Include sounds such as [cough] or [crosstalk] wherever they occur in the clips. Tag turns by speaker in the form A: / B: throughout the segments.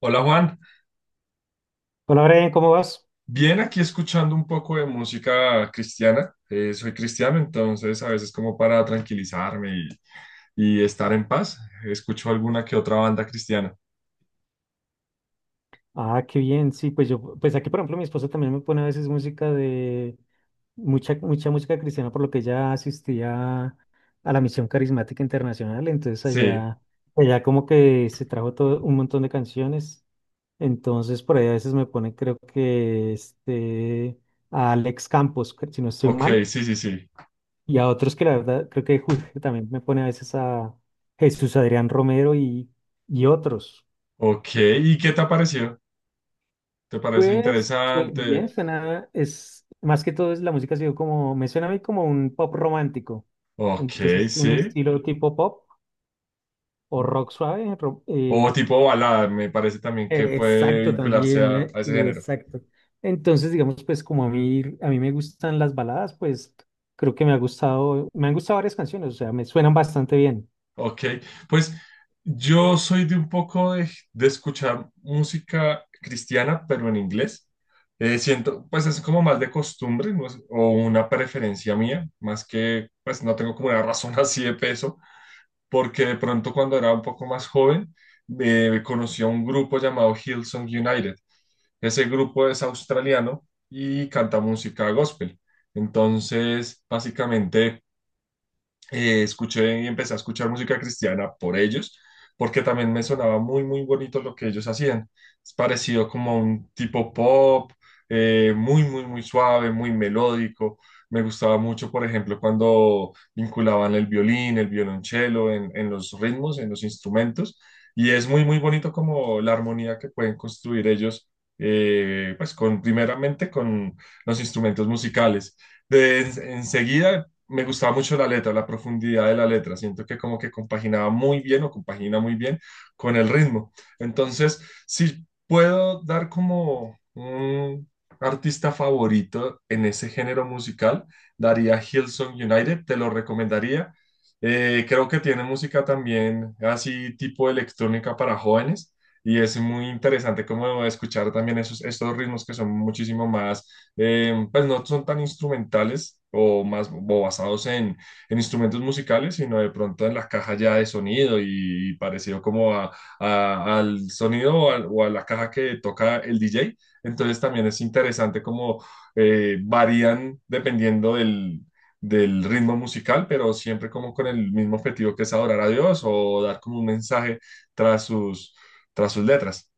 A: Hola Juan,
B: Hola, Brian, ¿cómo vas?
A: bien aquí escuchando un poco de música cristiana. Soy cristiano, entonces a veces como para tranquilizarme y estar en paz, escucho alguna que otra banda cristiana.
B: Ah, qué bien, sí, pues yo, pues aquí, por ejemplo, mi esposa también me pone a veces música de mucha, mucha música cristiana, por lo que ella asistía a la Misión Carismática Internacional. Entonces,
A: Sí,
B: allá como que se trajo todo un montón de canciones. Entonces por ahí a veces me pone, creo que este, a Alex Campos, si no estoy
A: ok,
B: mal,
A: sí, sí, sí.
B: y a otros que la verdad, creo que [laughs] también me pone a veces a Jesús Adrián Romero y otros.
A: Ok, ¿y qué te ha parecido? ¿Te parece
B: Pues bien,
A: interesante?
B: suena, es más que todo es la música ha sido como, me suena a mí como un pop romántico.
A: Ok,
B: Entonces, un
A: sí.
B: estilo tipo pop o rock suave.
A: O tipo balada, me parece también que puede
B: Exacto,
A: vincularse
B: también,
A: a ese género.
B: exacto. Entonces, digamos, pues como a mí, me gustan las baladas, pues creo que me ha gustado, me han gustado varias canciones, o sea, me suenan bastante bien.
A: Ok, pues yo soy de un poco de escuchar música cristiana, pero en inglés. Siento, pues es como más de costumbre, no sé, o una preferencia mía, más que, pues no tengo como una razón [laughs] así de peso, porque de pronto cuando era un poco más joven, conocí a un grupo llamado Hillsong United. Ese grupo es australiano y canta música gospel. Entonces, básicamente escuché y empecé a escuchar música cristiana por ellos, porque también me sonaba muy, muy bonito lo que ellos hacían. Es parecido como un tipo pop, muy, muy, muy suave, muy melódico. Me gustaba mucho, por ejemplo, cuando vinculaban el violín, el violonchelo en los ritmos, en los instrumentos. Y es muy, muy bonito como la armonía que pueden construir ellos, pues con, primeramente con los instrumentos musicales. De, enseguida me gustaba mucho la letra, la profundidad de la letra. Siento que como que compaginaba muy bien o compagina muy bien con el ritmo. Entonces, si puedo dar como un artista favorito en ese género musical, daría Hillsong United, te lo recomendaría. Creo que tiene música también así tipo electrónica para jóvenes. Y es muy interesante como escuchar también esos, estos ritmos que son muchísimo más pues no son tan instrumentales o más o basados en instrumentos musicales, sino de pronto en la caja ya de sonido y, parecido como al sonido o, o a la caja que toca el DJ. Entonces también es interesante como varían dependiendo del, del ritmo musical, pero siempre como con el mismo objetivo que es adorar a Dios o dar como un mensaje tras sus, tras sus letras.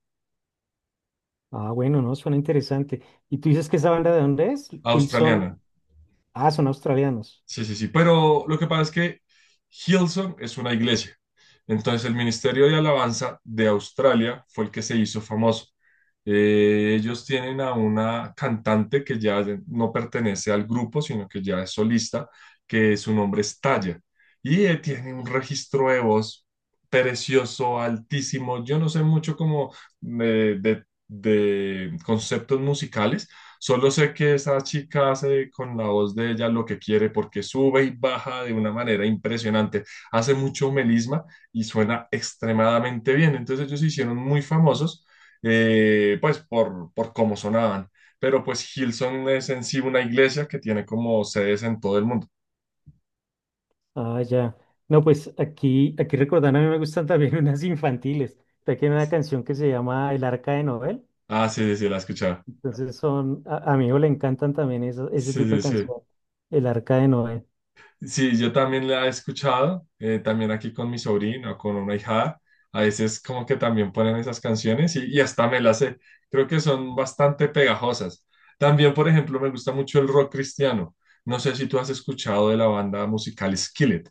B: Ah, bueno, no, suena interesante. ¿Y tú dices que esa banda de dónde es? Hillsong.
A: Australiana.
B: Ah, son australianos.
A: Sí, sí, sí, pero lo que pasa es que Hillsong es una iglesia. Entonces el Ministerio de Alabanza de Australia fue el que se hizo famoso. Ellos tienen a una cantante que ya no pertenece al grupo, sino que ya es solista, que su nombre es Taya. Y tiene un registro de voz precioso, altísimo. Yo no sé mucho como de conceptos musicales. Solo sé que esa chica hace con la voz de ella lo que quiere porque sube y baja de una manera impresionante. Hace mucho melisma y suena extremadamente bien. Entonces ellos se hicieron muy famosos, pues por cómo sonaban. Pero pues Hillsong es en sí una iglesia que tiene como sedes en todo el mundo.
B: Ah, ya. No, pues aquí, recordando, a mí me gustan también [laughs] unas infantiles. Aquí hay una canción que se llama El Arca de Noel.
A: Ah, sí, sí, sí, la escuchaba.
B: Entonces son, a mi hijo le encantan también ese
A: Sí,
B: tipo
A: sí,
B: de
A: sí.
B: canción. El Arca de Noel.
A: Sí, yo también la he escuchado, también aquí con mi sobrino, con una hija. A veces como que también ponen esas canciones y hasta me las sé. Creo que son bastante pegajosas. También, por ejemplo, me gusta mucho el rock cristiano. No sé si tú has escuchado de la banda musical Skillet.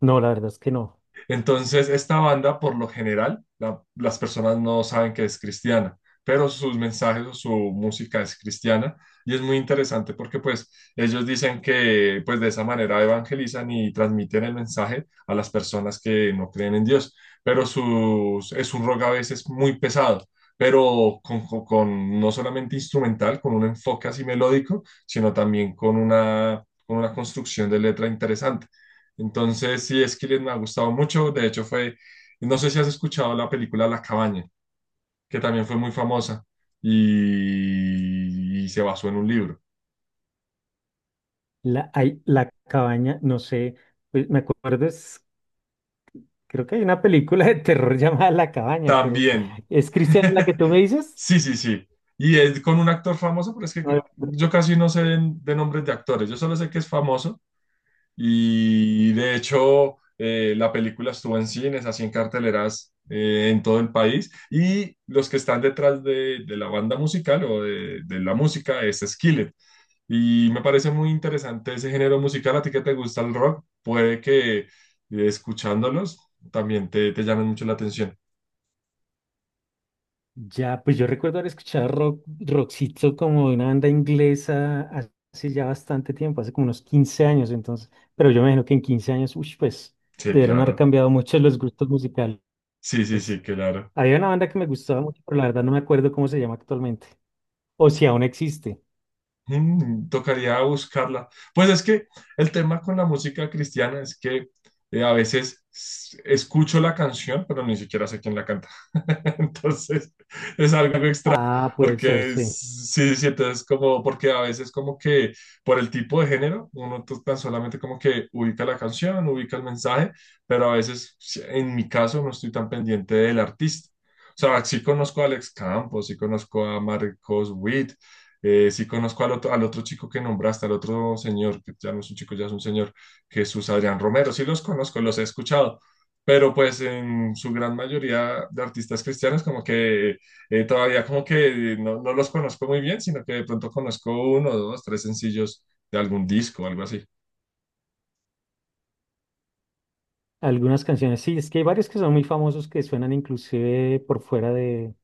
B: No, la verdad es que no.
A: Entonces, esta banda, por lo general, las personas no saben que es cristiana, pero sus mensajes o su música es cristiana y es muy interesante porque pues ellos dicen que pues de esa manera evangelizan y transmiten el mensaje a las personas que no creen en Dios, pero sus, es un rock a veces muy pesado. Pero con, con no solamente instrumental, con un enfoque así melódico, sino también con una construcción de letra interesante. Entonces, sí, Skillet me ha gustado mucho. De hecho, fue, no sé si has escuchado la película La Cabaña, que también fue muy famosa y se basó en un libro.
B: Hay, la cabaña, no sé, pues, me acuerdo, es, creo que hay una película de terror [laughs] llamada La Cabaña, pero
A: También.
B: ¿es cristiana la que
A: [laughs]
B: tú me dices?
A: Sí, sí, sí. Y es con un actor famoso, pero es que
B: No.
A: yo casi no sé de nombres de actores. Yo solo sé que es famoso. Y de hecho, la película estuvo en cines, así en carteleras en todo el país. Y los que están detrás de la banda musical o de la música es Skillet. Y me parece muy interesante ese género musical. A ti que te gusta el rock, puede que escuchándolos también te llamen mucho la atención.
B: Ya, pues yo recuerdo haber escuchado rock, rockcito como de una banda inglesa hace ya bastante tiempo, hace como unos 15 años entonces, pero yo me imagino que en 15 años, uy, pues
A: Sí,
B: debieron haber
A: claro.
B: cambiado mucho los gustos musicales.
A: Sí, sí, sí, claro.
B: Había una banda que me gustaba mucho, pero la verdad no me acuerdo cómo se llama actualmente, o si aún existe.
A: Mm, tocaría buscarla. Pues es que el tema con la música cristiana es que a veces escucho la canción, pero ni siquiera sé quién la canta. [laughs] Entonces es algo extraño,
B: Ah, puede ser,
A: porque
B: sí.
A: sí, sí, entonces como, porque a veces como que por el tipo de género, uno tan solamente como que ubica la canción, ubica el mensaje, pero a veces, sí, en mi caso, no estoy tan pendiente del artista. O sea, sí conozco a Alex Campos, sí conozco a Marcos Witt, sí conozco al otro chico que nombraste, al otro señor, que ya no es un chico, ya es un señor, Jesús Adrián Romero. Sí los conozco, los he escuchado, pero pues en su gran mayoría de artistas cristianos como que todavía como que no, no los conozco muy bien, sino que de pronto conozco uno, dos, tres sencillos de algún disco o algo así.
B: Algunas canciones, sí, es que hay varios que son muy famosos que suenan inclusive por fuera de,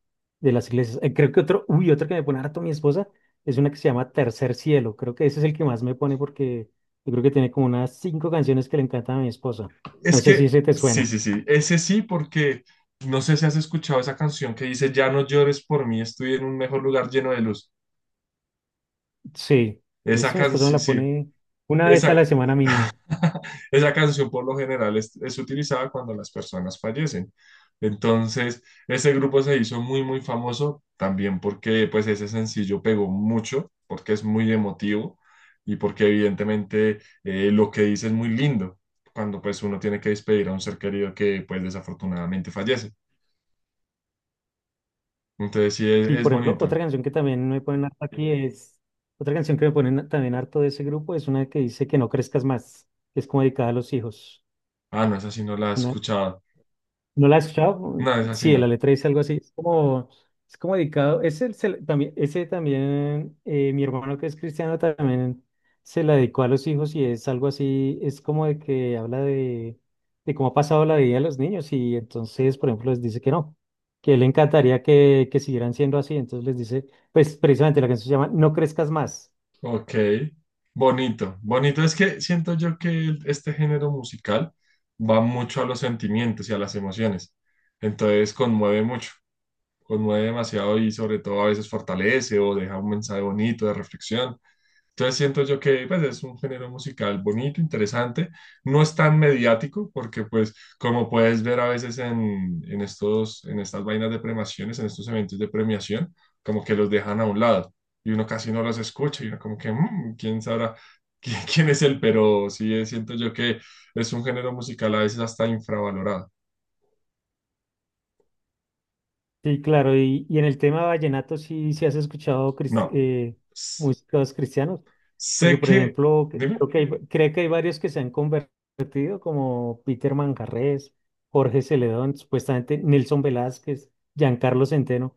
B: de las iglesias. Creo que otro, uy, otro que me pone harto mi esposa es una que se llama Tercer Cielo. Creo que ese es el que más me pone porque yo creo que tiene como unas cinco canciones que le encantan a mi esposa. No
A: Es
B: sé si
A: que,
B: ese te
A: sí,
B: suena.
A: sí, sí, ese sí, porque no sé si has escuchado esa canción que dice, ya no llores por mí, estoy en un mejor lugar lleno de luz.
B: Sí,
A: Esa
B: eso mi
A: canción,
B: esposa me
A: sí,
B: la
A: sí,
B: pone una vez a
A: esa,
B: la semana mínimo.
A: [laughs] esa canción por lo general es utilizada cuando las personas fallecen. Entonces, ese grupo se hizo muy, muy famoso también porque pues ese sencillo pegó mucho, porque es muy emotivo y porque evidentemente lo que dice es muy lindo cuando pues uno tiene que despedir a un ser querido que pues desafortunadamente fallece. Entonces, sí,
B: Sí,
A: es
B: por ejemplo, otra
A: bonito.
B: canción que también me ponen harto aquí es, otra canción que me ponen también harto de ese grupo es una que dice que no crezcas más, que es como dedicada a los hijos.
A: Ah, no, esa sí no la he
B: Una,
A: escuchado.
B: ¿no la has escuchado?
A: No, esa sí
B: Sí, la
A: no.
B: letra dice algo así. es como, dedicado. Ese también, mi hermano que es cristiano también se la dedicó a los hijos y es algo así. Es como de que habla de, cómo ha pasado la vida de los niños y entonces, por ejemplo, les dice que no, que le encantaría que siguieran siendo así. Entonces les dice, pues precisamente la canción se llama No crezcas más.
A: Ok, bonito. Bonito es que siento yo que este género musical va mucho a los sentimientos y a las emociones. Entonces conmueve mucho, conmueve demasiado y sobre todo a veces fortalece o deja un mensaje bonito de reflexión. Entonces siento yo que pues, es un género musical bonito, interesante, no es tan mediático porque pues como puedes ver a veces en estos, en estas vainas de premiaciones, en estos eventos de premiación, como que los dejan a un lado y uno casi no los escucha y uno como que "Mm, quién sabrá [laughs] quién, quién es él", pero sí siento yo que es un género musical a veces hasta infravalorado.
B: Sí, claro, y en el tema vallenato sí, sí has escuchado
A: No, s-
B: músicos cristianos, porque
A: sé
B: por
A: que,
B: ejemplo,
A: dime.
B: creo que hay, varios que se han convertido, como Peter Manjarrés, Jorge Celedón, supuestamente Nelson Velázquez, Giancarlo Centeno.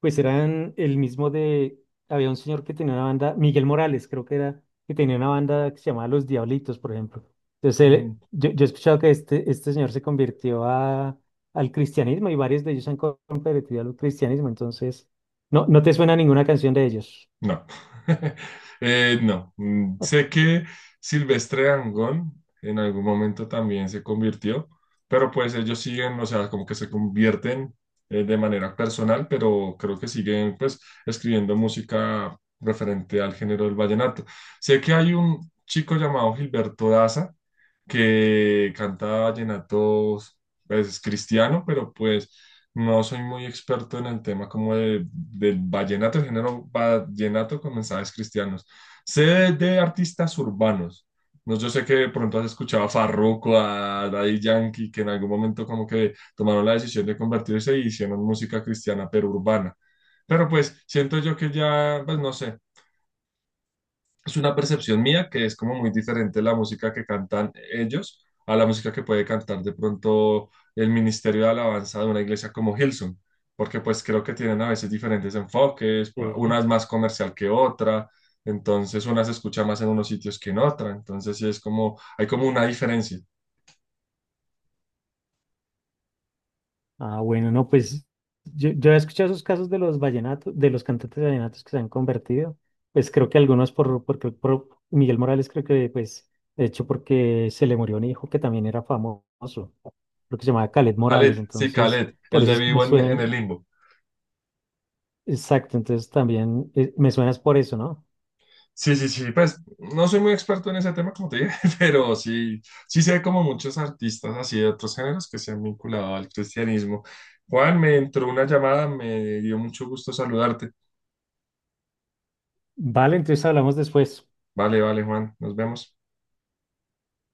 B: Pues eran el mismo de, había un señor que tenía una banda, Miguel Morales creo que era, que tenía una banda que se llamaba Los Diablitos, por ejemplo. Entonces, yo he escuchado que este señor se convirtió al cristianismo y varios de ellos se han convertido al cristianismo, entonces, no, no te suena ninguna canción de ellos.
A: No, [laughs] no. Mm, sé que Silvestre Dangond en algún momento también se convirtió, pero pues ellos siguen, o sea, como que se convierten de manera personal, pero creo que siguen pues escribiendo música referente al género del vallenato. Sé que hay un chico llamado Gilberto Daza que canta vallenatos, pues es cristiano, pero pues no soy muy experto en el tema como del vallenato, el género vallenato con mensajes cristianos. Sé de artistas urbanos. No, yo sé que de pronto has escuchado a Farruko, a Daddy Yankee, que en algún momento como que tomaron la decisión de convertirse y hicieron música cristiana, pero urbana. Pero pues siento yo que ya, pues no sé, es una percepción mía que es como muy diferente la música que cantan ellos a la música que puede cantar de pronto el Ministerio de Alabanza de una iglesia como Hillsong, porque pues creo que tienen a veces diferentes enfoques, una es
B: [laughs]
A: más comercial que otra, entonces una se escucha más en unos sitios que en otra, entonces sí es como, hay como una diferencia.
B: Ah, bueno, no, pues yo he escuchado esos casos de los vallenatos, de los cantantes vallenatos que se han convertido. Pues creo que algunos porque por Miguel Morales creo que pues, de hecho, porque se le murió un hijo que también era famoso, creo que se llamaba Caled
A: Khaled,
B: Morales,
A: sí,
B: entonces
A: Khaled, el
B: por eso
A: de
B: es que me
A: Vivo en el
B: suenan,
A: Limbo.
B: exacto, entonces también me suenas por eso, ¿no?
A: Sí, sí, sí, pues no soy muy experto en ese tema, como te dije, [laughs] pero sí, sí sé como muchos artistas así de otros géneros que se han vinculado al cristianismo. Juan, me entró una llamada, me dio mucho gusto saludarte.
B: Vale, entonces hablamos después.
A: Vale, vale, Juan, nos vemos.